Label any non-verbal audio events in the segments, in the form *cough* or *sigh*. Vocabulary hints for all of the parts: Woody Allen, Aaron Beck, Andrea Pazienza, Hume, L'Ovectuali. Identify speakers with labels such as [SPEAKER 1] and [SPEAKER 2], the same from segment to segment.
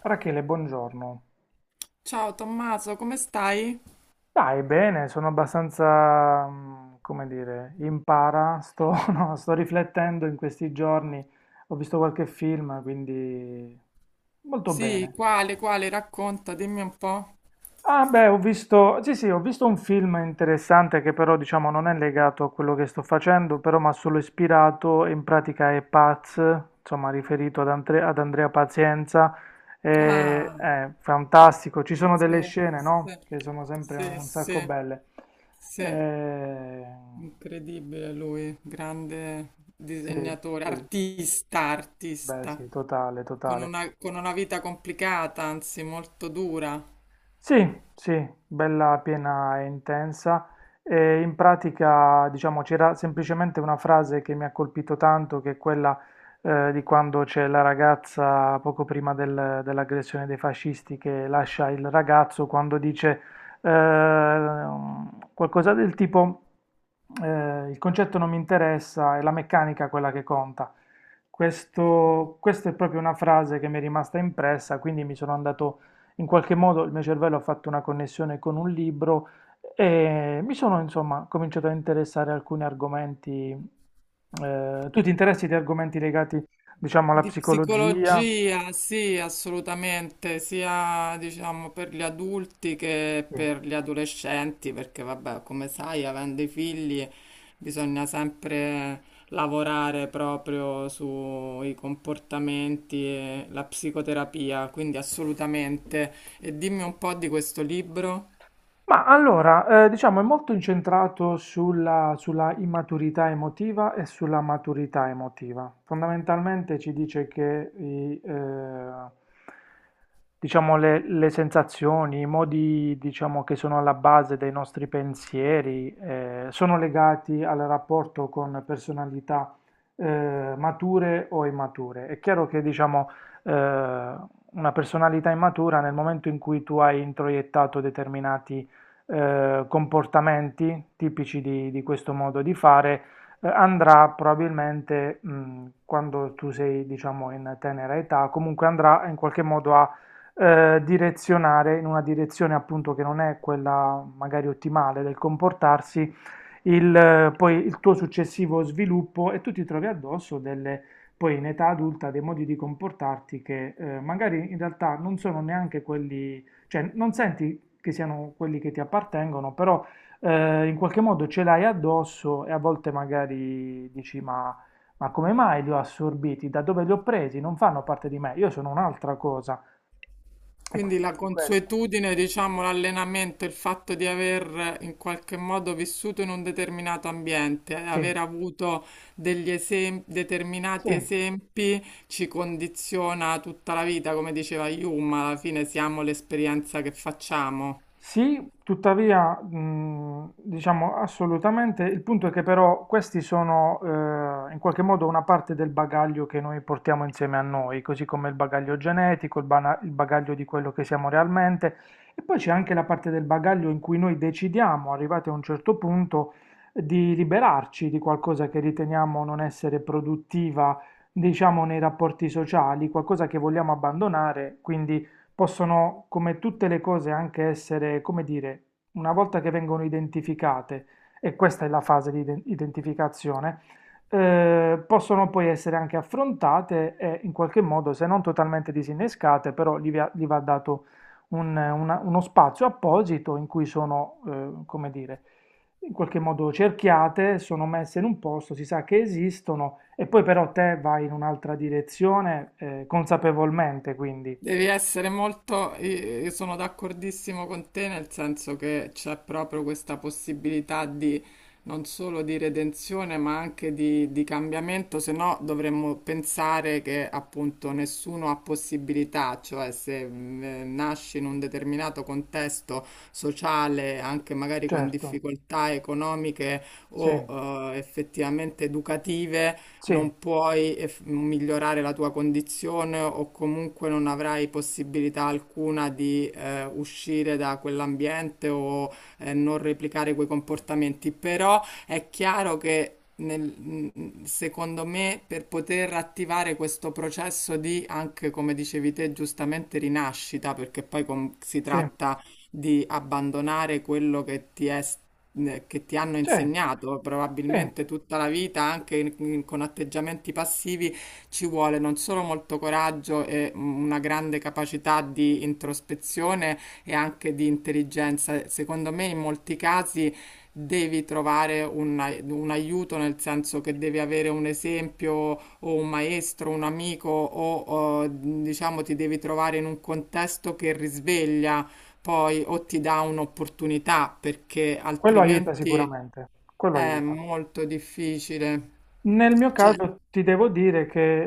[SPEAKER 1] Rachele, buongiorno.
[SPEAKER 2] Ciao Tommaso, come stai?
[SPEAKER 1] Dai, bene, sono abbastanza, come dire, in para, sto, *laughs* no, sto riflettendo in questi giorni, ho visto qualche film, quindi molto
[SPEAKER 2] Sì,
[SPEAKER 1] bene.
[SPEAKER 2] quale, racconta, dimmi un po'.
[SPEAKER 1] Ah beh, ho visto, sì sì, ho visto un film interessante che però diciamo non è legato a quello che sto facendo, però mi ha solo ispirato, in pratica è Paz, insomma riferito ad, ad Andrea Pazienza,
[SPEAKER 2] Ah,
[SPEAKER 1] è fantastico, ci sono
[SPEAKER 2] sì,
[SPEAKER 1] delle scene,
[SPEAKER 2] sì,
[SPEAKER 1] no? Che sono sempre
[SPEAKER 2] sì,
[SPEAKER 1] un sacco
[SPEAKER 2] sì,
[SPEAKER 1] belle.
[SPEAKER 2] sì.
[SPEAKER 1] Eh,
[SPEAKER 2] Incredibile lui, grande
[SPEAKER 1] sì,
[SPEAKER 2] disegnatore,
[SPEAKER 1] sì,
[SPEAKER 2] artista,
[SPEAKER 1] beh
[SPEAKER 2] artista,
[SPEAKER 1] sì, totale, totale.
[SPEAKER 2] con una vita complicata, anzi molto dura.
[SPEAKER 1] Sì, sì, bella, piena e intensa. E in pratica, diciamo, c'era semplicemente una frase che mi ha colpito tanto, che è quella di quando c'è la ragazza poco prima dell'aggressione dei fascisti che lascia il ragazzo, quando dice eh, qualcosa del tipo il concetto non mi interessa, è la meccanica quella che conta.
[SPEAKER 2] Mm-hmm.
[SPEAKER 1] Questa è proprio una frase che mi è rimasta impressa, quindi mi sono andato in qualche modo il mio cervello ha fatto una connessione con un libro e mi sono insomma cominciato a interessare a alcuni argomenti. Tu ti interessi di argomenti legati, diciamo, alla
[SPEAKER 2] Di
[SPEAKER 1] psicologia?
[SPEAKER 2] psicologia, sì, assolutamente, sia diciamo per gli adulti che
[SPEAKER 1] Sì.
[SPEAKER 2] per gli adolescenti, perché vabbè, come sai, avendo i figli bisogna sempre lavorare proprio sui comportamenti e la psicoterapia, quindi assolutamente. E dimmi un po' di questo libro.
[SPEAKER 1] Ma allora, diciamo, è molto incentrato sulla immaturità emotiva e sulla maturità emotiva. Fondamentalmente ci dice che i, diciamo, le sensazioni, i modi, diciamo, che sono alla base dei nostri pensieri, sono legati al rapporto con personalità, mature o immature. È chiaro che, diciamo, eh, una personalità immatura nel momento in cui tu hai introiettato determinati comportamenti tipici di questo modo di fare, andrà probabilmente, quando tu sei, diciamo, in tenera età, comunque andrà in qualche modo a direzionare in una direzione appunto che non è quella magari ottimale del comportarsi, poi il tuo successivo sviluppo e tu ti trovi addosso delle, poi in età adulta dei modi di comportarti che magari in realtà non sono neanche quelli, cioè non senti che siano quelli che ti appartengono, però in qualche modo ce l'hai addosso e a volte magari dici ma come mai li ho assorbiti? Da dove li ho presi? Non fanno parte di me, io sono un'altra cosa. E
[SPEAKER 2] Quindi la
[SPEAKER 1] quindi questo,
[SPEAKER 2] consuetudine, diciamo, l'allenamento, il fatto di aver in qualche modo vissuto in un determinato ambiente,
[SPEAKER 1] sì,
[SPEAKER 2] aver avuto determinati
[SPEAKER 1] sì.
[SPEAKER 2] esempi, ci condiziona tutta la vita, come diceva Hume, alla fine siamo l'esperienza che facciamo.
[SPEAKER 1] Sì, tuttavia, diciamo assolutamente, il punto è che però questi sono in qualche modo una parte del bagaglio che noi portiamo insieme a noi, così come il bagaglio genetico, il bagaglio di quello che siamo realmente, e poi c'è anche la parte del bagaglio in cui noi decidiamo, arrivati a un certo punto, di liberarci di qualcosa che riteniamo non essere produttiva, diciamo, nei rapporti sociali, qualcosa che vogliamo abbandonare, quindi possono, come tutte le cose, anche essere, come dire, una volta che vengono identificate, e questa è la fase di identificazione, possono poi essere anche affrontate e in qualche modo, se non totalmente disinnescate, però gli va dato uno spazio apposito in cui sono, come dire, in qualche modo cerchiate, sono messe in un posto, si sa che esistono, e poi però te vai in un'altra direzione, consapevolmente, quindi,
[SPEAKER 2] Devi essere molto, io sono d'accordissimo con te nel senso che c'è proprio questa possibilità di non solo di redenzione ma anche di cambiamento, se no dovremmo pensare che appunto nessuno ha possibilità, cioè se nasci in un determinato contesto sociale, anche magari con
[SPEAKER 1] certo.
[SPEAKER 2] difficoltà economiche
[SPEAKER 1] Sì,
[SPEAKER 2] o effettivamente educative,
[SPEAKER 1] sì,
[SPEAKER 2] non puoi migliorare la tua condizione o comunque non avrai possibilità alcuna di uscire da quell'ambiente o non replicare quei comportamenti. Però è chiaro che secondo me, per poter attivare questo processo di, anche come dicevi te, giustamente rinascita, perché si
[SPEAKER 1] sì,
[SPEAKER 2] tratta di abbandonare quello che ti è che ti hanno
[SPEAKER 1] sì,
[SPEAKER 2] insegnato
[SPEAKER 1] sì,
[SPEAKER 2] probabilmente tutta la vita, anche con atteggiamenti passivi, ci vuole non solo molto coraggio e una grande capacità di introspezione e anche di intelligenza. Secondo me, in molti casi devi trovare un aiuto, nel senso che devi avere un esempio o un maestro, un amico o, diciamo ti devi trovare in un contesto che risveglia poi o ti dà un'opportunità perché
[SPEAKER 1] quello aiuta
[SPEAKER 2] altrimenti
[SPEAKER 1] sicuramente, quello
[SPEAKER 2] è
[SPEAKER 1] aiuta.
[SPEAKER 2] molto difficile.
[SPEAKER 1] Nel mio caso ti devo dire che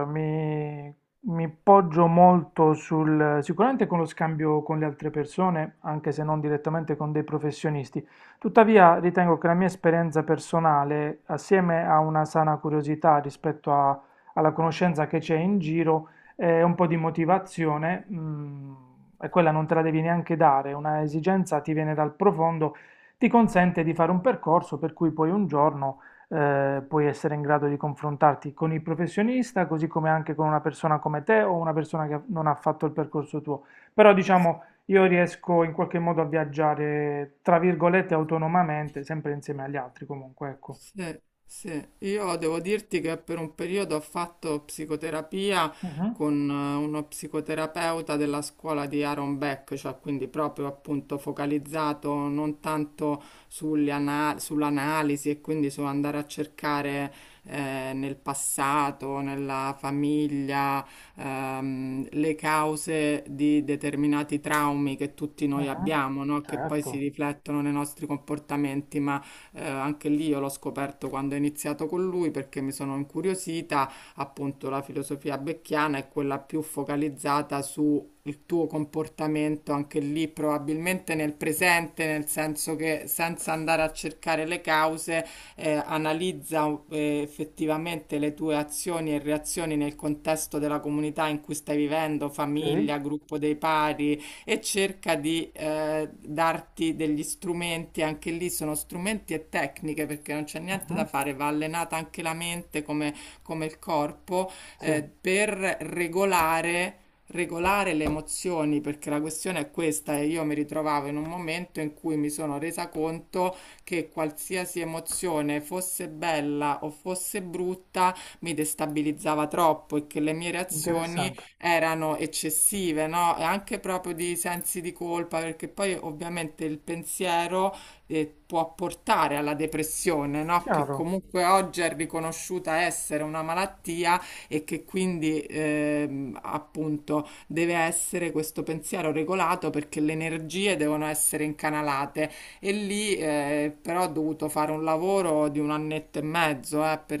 [SPEAKER 1] eh, mi, mi poggio molto sul, sicuramente con lo scambio con le altre persone, anche se non direttamente con dei professionisti. Tuttavia ritengo che la mia esperienza personale, assieme a una sana curiosità rispetto alla conoscenza che c'è in giro, e un po' di motivazione, e quella non te la devi neanche dare, una esigenza ti viene dal profondo, ti consente di fare un percorso per cui poi un giorno puoi essere in grado di confrontarti con il professionista, così come anche con una persona come te o una persona che non ha fatto il percorso tuo. Però diciamo, io riesco in qualche modo a viaggiare, tra virgolette, autonomamente, sempre insieme agli altri comunque, ecco.
[SPEAKER 2] Sì, sì. Io devo dirti che per un periodo ho fatto psicoterapia
[SPEAKER 1] Mhm.
[SPEAKER 2] con uno psicoterapeuta della scuola di Aaron Beck, cioè quindi proprio appunto focalizzato non tanto sull'analisi e quindi su andare a cercare nel passato, nella famiglia, le cause di determinati traumi che tutti noi
[SPEAKER 1] Mhm.
[SPEAKER 2] abbiamo, no? Che poi si
[SPEAKER 1] Certo.
[SPEAKER 2] riflettono nei nostri comportamenti, ma anche lì io l'ho scoperto quando ho iniziato con lui perché mi sono incuriosita, appunto la filosofia becchiana è quella più focalizzata su il tuo comportamento anche lì probabilmente nel presente, nel senso che senza andare a cercare le cause, analizza effettivamente le tue azioni e reazioni nel contesto della comunità in cui stai vivendo,
[SPEAKER 1] Sì.
[SPEAKER 2] famiglia, gruppo dei pari, e cerca di darti degli strumenti, anche lì sono strumenti e tecniche perché non c'è niente
[SPEAKER 1] Mhm.
[SPEAKER 2] da fare, va allenata anche la mente come, come il corpo
[SPEAKER 1] Sì,
[SPEAKER 2] per regolare regolare le emozioni, perché la questione è questa, e io mi ritrovavo in un momento in cui mi sono resa conto che qualsiasi emozione fosse bella o fosse brutta mi destabilizzava troppo e che le mie reazioni
[SPEAKER 1] interessante,
[SPEAKER 2] erano eccessive, no? E anche proprio di sensi di colpa, perché poi ovviamente il pensiero può portare alla depressione, no? Che
[SPEAKER 1] chiaro,
[SPEAKER 2] comunque oggi è riconosciuta essere una malattia e che quindi appunto deve essere questo pensiero regolato perché le energie devono essere incanalate e lì però ho dovuto fare un lavoro di un annetto e mezzo per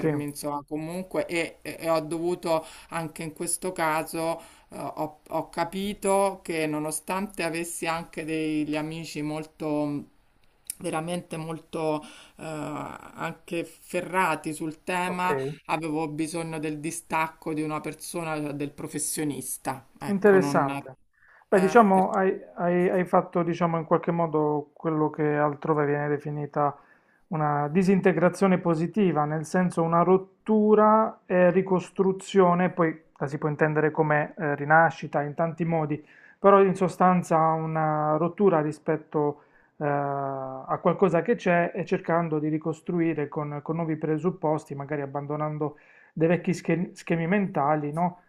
[SPEAKER 1] sì,
[SPEAKER 2] insomma, comunque e ho dovuto anche in questo caso, ho capito che nonostante avessi anche degli amici molto mm, veramente molto anche ferrati sul
[SPEAKER 1] ok.
[SPEAKER 2] tema, avevo bisogno del distacco di una persona, cioè del professionista. Ecco, non eh,
[SPEAKER 1] Interessante. Beh,
[SPEAKER 2] per-
[SPEAKER 1] diciamo, hai fatto, diciamo, in qualche modo quello che altrove viene definita una disintegrazione positiva, nel senso una rottura e ricostruzione, poi la si può intendere come rinascita in tanti modi, però in sostanza una rottura rispetto a qualcosa che c'è e cercando di ricostruire con nuovi presupposti, magari abbandonando dei vecchi schemi mentali, no?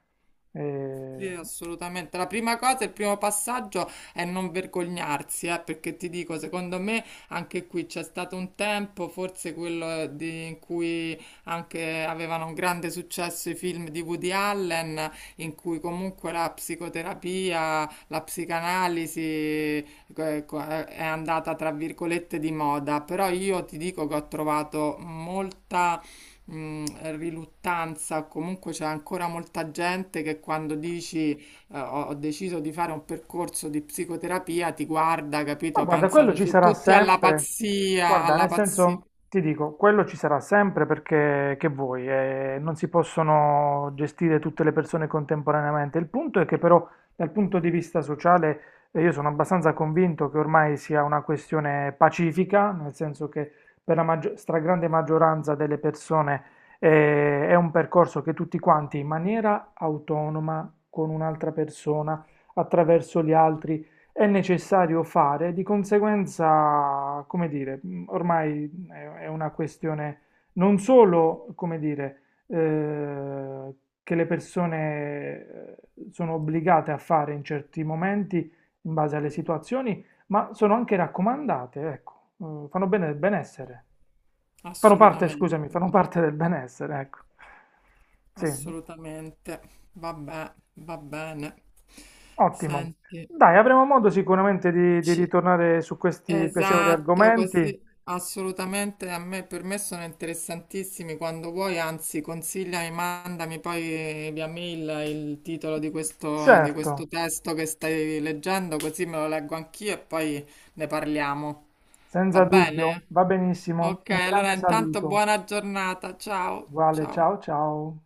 [SPEAKER 1] Eh,
[SPEAKER 2] Sì, assolutamente. La prima cosa, il primo passaggio è non vergognarsi, perché ti dico, secondo me anche qui c'è stato un tempo, forse in cui anche avevano un grande successo i film di Woody Allen, in cui comunque la psicoterapia, la psicanalisi è andata tra virgolette di moda, però io ti dico che ho trovato molta Mm, riluttanza, o comunque c'è ancora molta gente che quando dici ho deciso di fare un percorso di psicoterapia ti guarda,
[SPEAKER 1] ma
[SPEAKER 2] capito?
[SPEAKER 1] guarda, quello
[SPEAKER 2] Pensano
[SPEAKER 1] ci
[SPEAKER 2] su
[SPEAKER 1] sarà
[SPEAKER 2] tutti alla
[SPEAKER 1] sempre.
[SPEAKER 2] pazzia,
[SPEAKER 1] Guarda,
[SPEAKER 2] alla
[SPEAKER 1] nel
[SPEAKER 2] pazzia.
[SPEAKER 1] senso, ti dico, quello ci sarà sempre perché che vuoi, non si possono gestire tutte le persone contemporaneamente. Il punto è che però dal punto di vista sociale io sono abbastanza convinto che ormai sia una questione pacifica, nel senso che per la stragrande maggioranza delle persone è un percorso che tutti quanti in maniera autonoma, con un'altra persona, attraverso gli altri è necessario fare, di conseguenza, come dire, ormai è una questione non solo, come dire, che le persone sono obbligate a fare in certi momenti in base alle situazioni, ma sono anche raccomandate, ecco, fanno bene del benessere. Fanno parte,
[SPEAKER 2] Assolutamente,
[SPEAKER 1] scusami, fanno parte del benessere, ecco. Sì,
[SPEAKER 2] assolutamente. Vabbè, va bene.
[SPEAKER 1] ottimo.
[SPEAKER 2] Senti,
[SPEAKER 1] Dai, avremo modo sicuramente di
[SPEAKER 2] ci
[SPEAKER 1] ritornare su questi piacevoli
[SPEAKER 2] Esatto,
[SPEAKER 1] argomenti.
[SPEAKER 2] così assolutamente a me per me sono interessantissimi quando vuoi, anzi consigliami, mandami poi via mail il titolo di
[SPEAKER 1] Certo,
[SPEAKER 2] questo testo che stai leggendo, così me lo leggo anch'io e poi ne parliamo. Va
[SPEAKER 1] senza dubbio,
[SPEAKER 2] bene?
[SPEAKER 1] va benissimo,
[SPEAKER 2] Ok,
[SPEAKER 1] un
[SPEAKER 2] allora
[SPEAKER 1] grande
[SPEAKER 2] intanto
[SPEAKER 1] saluto,
[SPEAKER 2] buona giornata, ciao,
[SPEAKER 1] uguale
[SPEAKER 2] ciao.
[SPEAKER 1] ciao ciao.